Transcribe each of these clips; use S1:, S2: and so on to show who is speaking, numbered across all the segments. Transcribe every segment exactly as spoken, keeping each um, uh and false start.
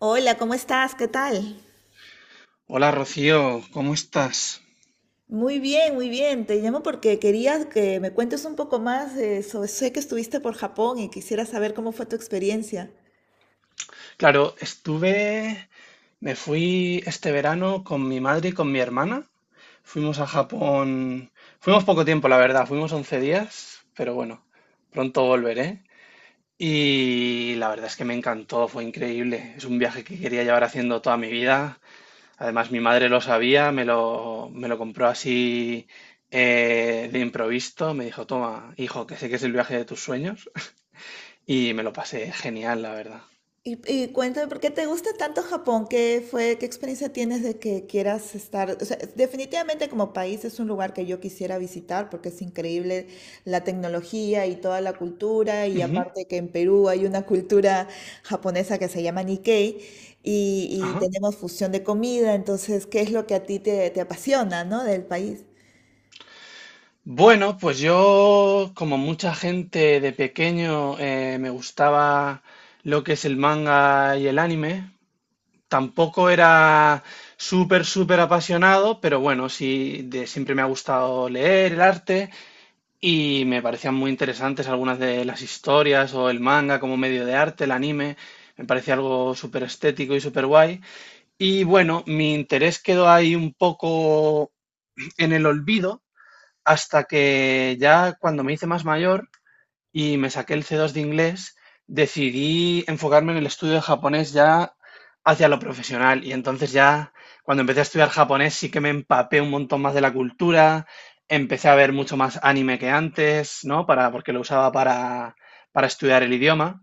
S1: Hola, ¿cómo estás? ¿Qué tal?
S2: Hola Rocío, ¿cómo estás?
S1: Muy bien, muy bien. Te llamo porque quería que me cuentes un poco más de eso. Sé que estuviste por Japón y quisiera saber cómo fue tu experiencia.
S2: Claro, estuve, me fui este verano con mi madre y con mi hermana. Fuimos a Japón, fuimos poco tiempo, la verdad, fuimos once días, pero bueno, pronto volveré. Y la verdad es que me encantó, fue increíble. Es un viaje que quería llevar haciendo toda mi vida. Además, mi madre lo sabía, me lo, me lo compró así eh, de improviso. Me dijo, toma, hijo, que sé que es el viaje de tus sueños. Y me lo pasé genial, la verdad.
S1: Y, y cuéntame, ¿por qué te gusta tanto Japón? ¿Qué fue, qué experiencia tienes de que quieras estar? O sea, definitivamente como país es un lugar que yo quisiera visitar porque es increíble la tecnología y toda la cultura, y
S2: Ujú,
S1: aparte que en Perú hay una cultura japonesa que se llama Nikkei, y, y
S2: ajá.
S1: tenemos fusión de comida. Entonces, ¿qué es lo que a ti te, te apasiona, ¿no? del país?
S2: Bueno, pues yo, como mucha gente de pequeño, eh, me gustaba lo que es el manga y el anime. Tampoco era súper, súper apasionado, pero bueno, sí, de, siempre me ha gustado leer el arte y me parecían muy interesantes algunas de las historias o el manga como medio de arte, el anime. Me parece algo súper estético y súper guay. Y bueno, mi interés quedó ahí un poco en el olvido hasta que ya cuando me hice más mayor y me saqué el C dos de inglés, decidí enfocarme en el estudio de japonés ya hacia lo profesional. Y entonces ya cuando empecé a estudiar japonés sí que me empapé un montón más de la cultura, empecé a ver mucho más anime que antes, ¿no? Para, porque lo usaba para, para estudiar el idioma.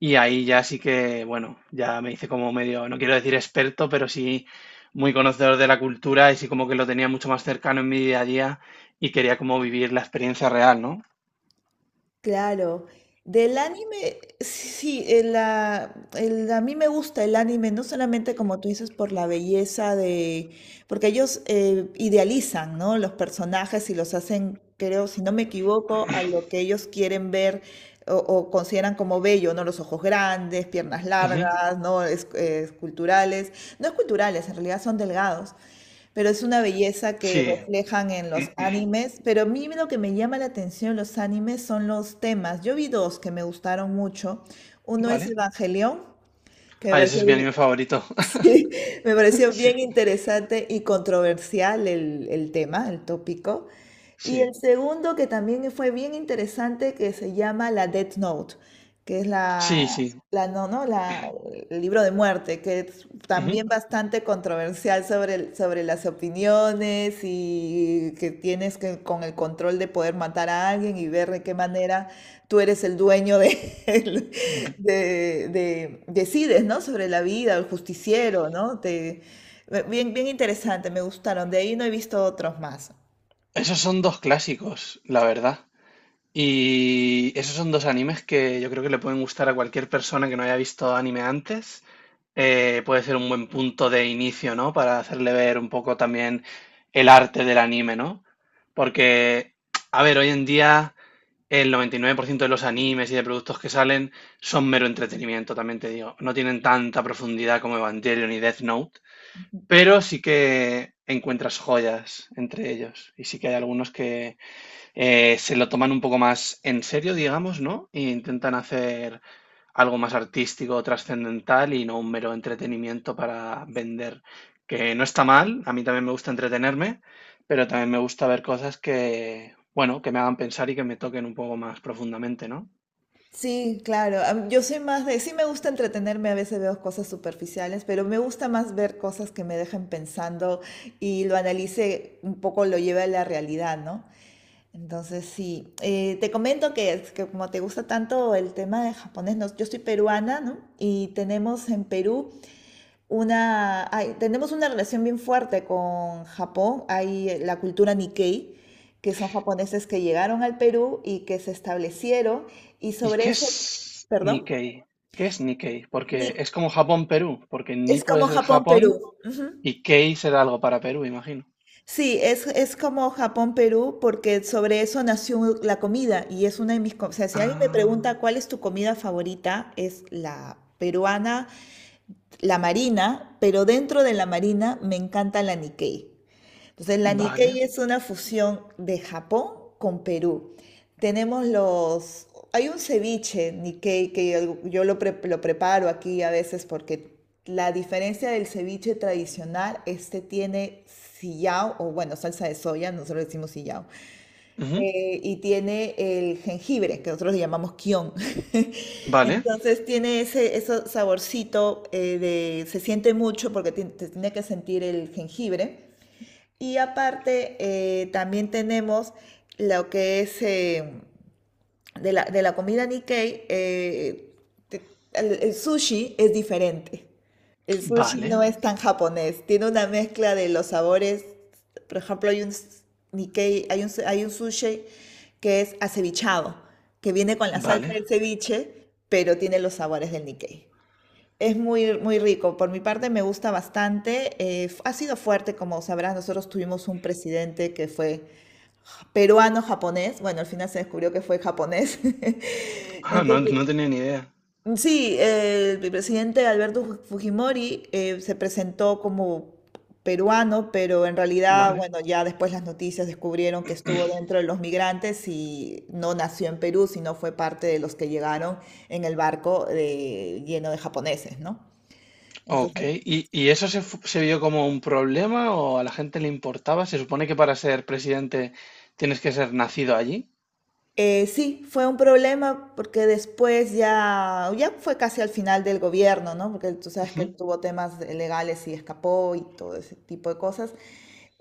S2: Y ahí ya sí que, bueno, ya me hice como medio, no quiero decir experto, pero sí muy conocedor de la cultura y sí como que lo tenía mucho más cercano en mi día a día y quería como vivir la experiencia real, ¿no?
S1: Claro. Del anime, sí, sí, el, ah, el- a mí me gusta el anime, no solamente como tú dices, por la belleza de, porque ellos eh, idealizan, ¿no? Los personajes, y los hacen, creo, si no me equivoco, a lo que ellos quieren ver o, o consideran como bello, ¿no? Los ojos grandes, piernas
S2: Ujú,
S1: largas, ¿no? Es- eh, esculturales, no esculturales, en realidad son delgados. Pero es una belleza que
S2: sí,
S1: reflejan en los animes. Pero a mí lo que me llama la atención en los animes son los temas. Yo vi dos que me gustaron mucho. Uno es
S2: vale.
S1: Evangelion, que me
S2: Ah, ese es
S1: pareció
S2: mi anime
S1: bien,
S2: favorito.
S1: sí, me pareció
S2: Sí,
S1: bien interesante y controversial el, el tema, el tópico. Y
S2: sí,
S1: el segundo que también fue bien interesante, que se llama la Death Note, que es la,
S2: sí, sí.
S1: la no, no, la el libro de muerte, que es
S2: Ujú.
S1: también bastante controversial sobre, el- sobre las opiniones, y que tienes que con el control de poder matar a alguien y ver de qué manera tú eres el dueño de,
S2: Bu-
S1: de, de- decides, ¿no? Sobre la vida, el justiciero, ¿no? Te, bien, bien interesante, me gustaron. De ahí no he visto otros más.
S2: Esos son dos clásicos, la verdad. Y esos son dos animes que yo creo que le pueden gustar a cualquier persona que no haya visto anime antes. Eh, puede ser un buen punto de inicio, ¿no? Para hacerle ver un poco también el arte del anime, ¿no? Porque, a ver, hoy en día el noventa y nueve por ciento de los animes y de productos que salen son mero entretenimiento, también te digo. No tienen tanta profundidad como Evangelion y Death Note, pero sí que encuentras joyas entre ellos. Y sí que hay algunos que eh, se lo toman un poco más en serio, digamos, ¿no? E intentan hacer algo más artístico, trascendental y no un mero entretenimiento para vender, que no está mal, a mí también me gusta entretenerme, pero también me gusta ver cosas que, bueno, que me hagan pensar y que me toquen un poco más profundamente, ¿no?
S1: Sí, claro. am- Yo soy más de, sí me gusta entretenerme, a veces veo cosas superficiales, pero me gusta más ver cosas que me dejen pensando y lo analice un poco, lo lleve a la realidad, ¿no? Entonces, sí. Eh, te comento que, es que como te gusta tanto el tema de japonés, nos- yo soy peruana, ¿no? Y tenemos en Perú una, hay- tenemos una relación bien fuerte con Japón. Hay eh, la cultura Nikkei, que son japoneses que llegaron al Perú y que se establecieron. Y
S2: ¿Y
S1: sobre
S2: qué
S1: eso,
S2: es
S1: perdón,
S2: Nikkei? ¿Qué es Nikkei? Porque
S1: Ni-
S2: es como Japón-Perú, porque Ni
S1: es
S2: puede
S1: como
S2: ser Japón
S1: Japón-Perú. Ujú.
S2: y Kei será algo para Perú, imagino.
S1: Sí, es, es como Japón-Perú, porque sobre eso nació la comida y es una de mis... co- O sea, si alguien me pregunta
S2: Ah,
S1: cuál es tu comida favorita, es la peruana, la marina, pero dentro de la marina me encanta la Nikkei. Entonces, la
S2: vale.
S1: Nikkei es una fusión de Japón con Perú. Tenemos los... Hay un ceviche Nikkei que yo, yo lo, pre- lo preparo aquí a veces porque la diferencia del ceviche tradicional, este tiene sillao, o bueno, salsa de soya, nosotros decimos sillao,
S2: Ujú,
S1: eh, y tiene el jengibre, que nosotros le llamamos kion.
S2: vale.
S1: Entonces tiene ese, ese saborcito eh, de, se siente mucho porque ti- te tiene que sentir el jengibre. Y aparte, eh, también tenemos lo que es eh, de la, de la comida Nikkei, eh, te- el, el sushi es diferente. El sushi
S2: Vale,
S1: no es tan japonés, tiene una mezcla de los sabores. Por ejemplo, hay un s- Nikkei, hay un, su- hay un sushi que es acevichado, que viene con la salsa
S2: vale.
S1: del ceviche, pero tiene los sabores del Nikkei. Es muy, muy rico. Por mi parte me gusta bastante. Eh, f- ha sido fuerte, como sabrás, nosotros tuvimos un presidente que fue peruano-japonés. Bueno, al final se descubrió que fue japonés.
S2: Ah, no,
S1: Entonces,
S2: no tenía ni idea.
S1: sí, eh, el presidente Alberto Fu- Fujimori eh, se presentó como peruano, pero en realidad,
S2: Vale.
S1: bueno, ya después las noticias descubrieron que estuvo dentro de los migrantes y no nació en Perú, sino fue parte de los que llegaron en el barco de- lleno de japoneses, ¿no?
S2: Ok.
S1: Entonces,
S2: ¿Y, y eso se, fu- se vio como un problema o a la gente le importaba? Se supone que para ser presidente tienes que ser nacido allí.
S1: Eh, sí, fue un problema porque después ya, ya fue casi al final del gobierno, ¿no? Porque tú sabes que
S2: Ujú.
S1: él tuvo temas de- legales y escapó y todo ese tipo de cosas.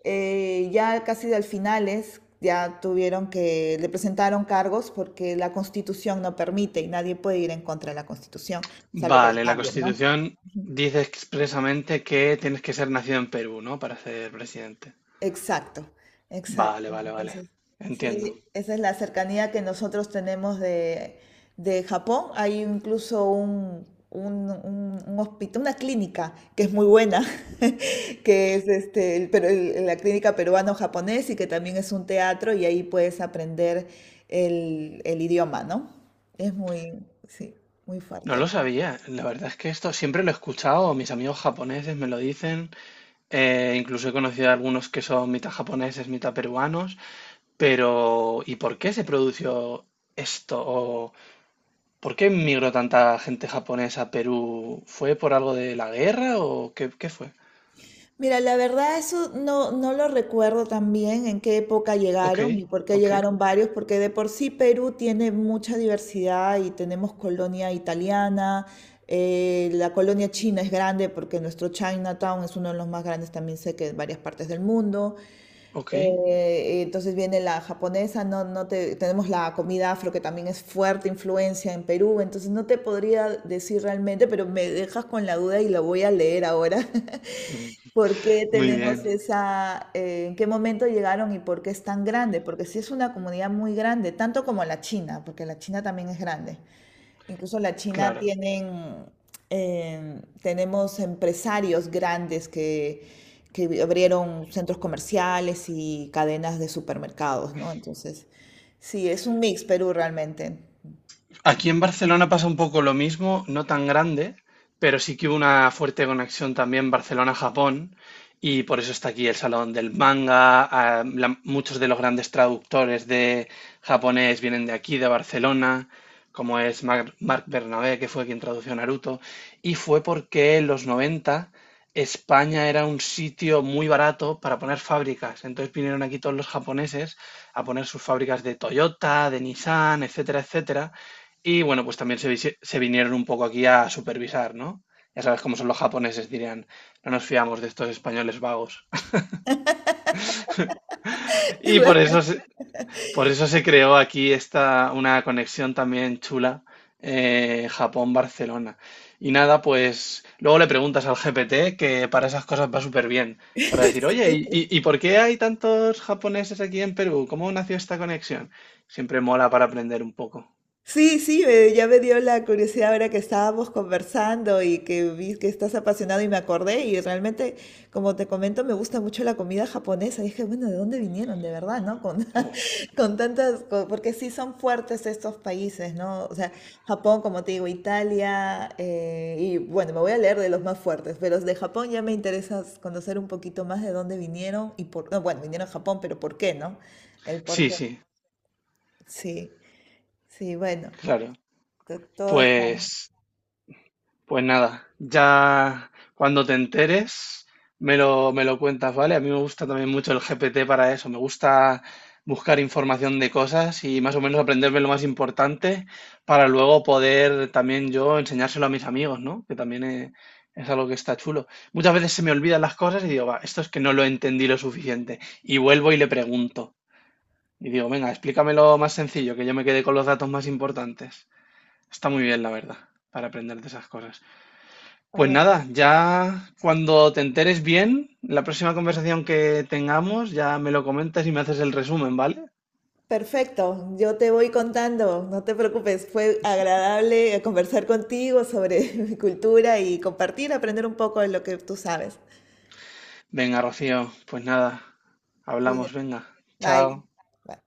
S1: Eh, ya casi al finales ya tuvieron que, le presentaron cargos porque la Constitución no permite y nadie puede ir en contra de la Constitución, salvo que la
S2: Vale, la
S1: cambien, ¿no?
S2: Constitución dice expresamente que tienes que ser nacido en Perú, ¿no? Para ser presidente.
S1: Exacto,
S2: Vale,
S1: exacto.
S2: vale, vale.
S1: Entonces,
S2: Entiendo.
S1: sí, esa es la cercanía que nosotros tenemos de, de Japón. Hay incluso un, un, un- un hospital, una clínica que es muy buena, que es este, el peru- el- la clínica peruano-japonés, y que también es un teatro, y ahí puedes aprender el, el idioma, ¿no? Es muy, sí, muy
S2: No
S1: fuerte.
S2: lo sabía. La verdad es que esto siempre lo he escuchado. Mis amigos japoneses me lo dicen. Eh, incluso he conocido a algunos que son mitad japoneses, mitad peruanos. Pero, ¿y por qué se produjo esto? ¿O por qué migró tanta gente japonesa a Perú? ¿Fue por algo de la guerra o qué, qué fue?
S1: Mira, la verdad eso no, no lo recuerdo tan bien, en qué época
S2: Ok,
S1: llegaron y por qué
S2: ok,
S1: llegaron varios, porque de por sí Perú tiene mucha diversidad y tenemos colonia italiana, eh, la colonia china es grande porque nuestro Chinatown es uno de los más grandes, también sé que en varias partes del mundo.
S2: ok.
S1: Eh, entonces viene la japonesa, no, no te, tenemos la comida afro que también es fuerte influencia en Perú, entonces no te podría decir realmente, pero me dejas con la duda y la voy a leer ahora.
S2: Mm,
S1: ¿Por qué
S2: muy
S1: tenemos
S2: bien,
S1: esa, eh, en qué momento llegaron y por qué es tan grande? Porque sí es una comunidad muy grande, tanto como la China, porque la China también es grande. Incluso la China
S2: claro.
S1: tienen, em, tenemos empresarios grandes que, que abrieron centros comerciales y cadenas de supermercados, ¿no? Entonces, sí, es un mix Perú realmente.
S2: Aquí en Barcelona pasa un poco lo mismo, no tan grande, pero sí que hubo una fuerte conexión también Barcelona-Japón y por eso está aquí el Salón del Manga. Ah, la- muchos de los grandes traductores de japonés vienen de aquí, de Barcelona, como es Mar- Marc Bernabé, que fue quien tradujo Naruto. Y fue porque en los noventa España era un sitio muy barato para poner fábricas. Entonces vinieron aquí todos los japoneses a poner sus fábricas de Toyota, de Nissan, etcétera, etcétera. Y bueno, pues también se, visi- se vinieron un poco aquí a supervisar, ¿no? Ya sabes cómo son los japoneses, dirían, no nos fiamos de estos españoles vagos. Y por eso, se- por eso se creó aquí esta, una conexión también chula, eh, Japón-Barcelona. Y nada, pues luego le preguntas al G P T que para esas cosas va súper bien, para decir, oye, ¿y,
S1: Sí.
S2: y- y por qué hay tantos japoneses aquí en Perú? ¿Cómo nació esta conexión? Siempre mola para aprender un poco.
S1: Sí, sí, me- ya me dio la curiosidad ahora que estábamos conversando y que vi que estás apasionado y me acordé, y realmente, como te comento, me gusta mucho la comida japonesa. Y dije, bueno, ¿de dónde vinieron? De verdad, ¿no? Con, con tantas, co- porque sí son fuertes estos países, ¿no? O sea, Japón, como te digo, Italia, eh, y bueno, me voy a leer de los más fuertes, pero de Japón ya me interesa conocer un poquito más de dónde vinieron y por, no, bueno, vinieron a Japón, pero ¿por qué, no? El por
S2: Sí,
S1: qué.
S2: sí,
S1: Sí, sí, bueno
S2: claro.
S1: to- todo.
S2: Pues... Pues nada, ya cuando te enteres me lo, me lo cuentas, ¿vale? A mí me gusta también mucho el G P T para eso, me gusta buscar información de cosas y más o menos aprenderme lo más importante para luego poder también yo enseñárselo a mis amigos, ¿no? Que también eh, es algo que está chulo. Muchas veces se me olvidan las cosas y digo, va, esto es que no lo entendí lo suficiente. Y vuelvo y le pregunto. Y digo, venga, explícamelo más sencillo, que yo me quede con los datos más importantes. Está muy bien, la verdad, para aprender de esas cosas. Pues
S1: Bueno.
S2: nada, ya cuando te enteres bien, la próxima conversación que tengamos, ya me lo comentas y me haces el resumen, ¿vale?
S1: Perfecto, yo te voy contando, no te preocupes, fue agradable conversar contigo sobre mi cultura y compartir, aprender un poco de lo que tú sabes.
S2: Venga, Rocío, pues nada,
S1: Cuida.
S2: hablamos, venga,
S1: Bye.
S2: chao.
S1: Bye.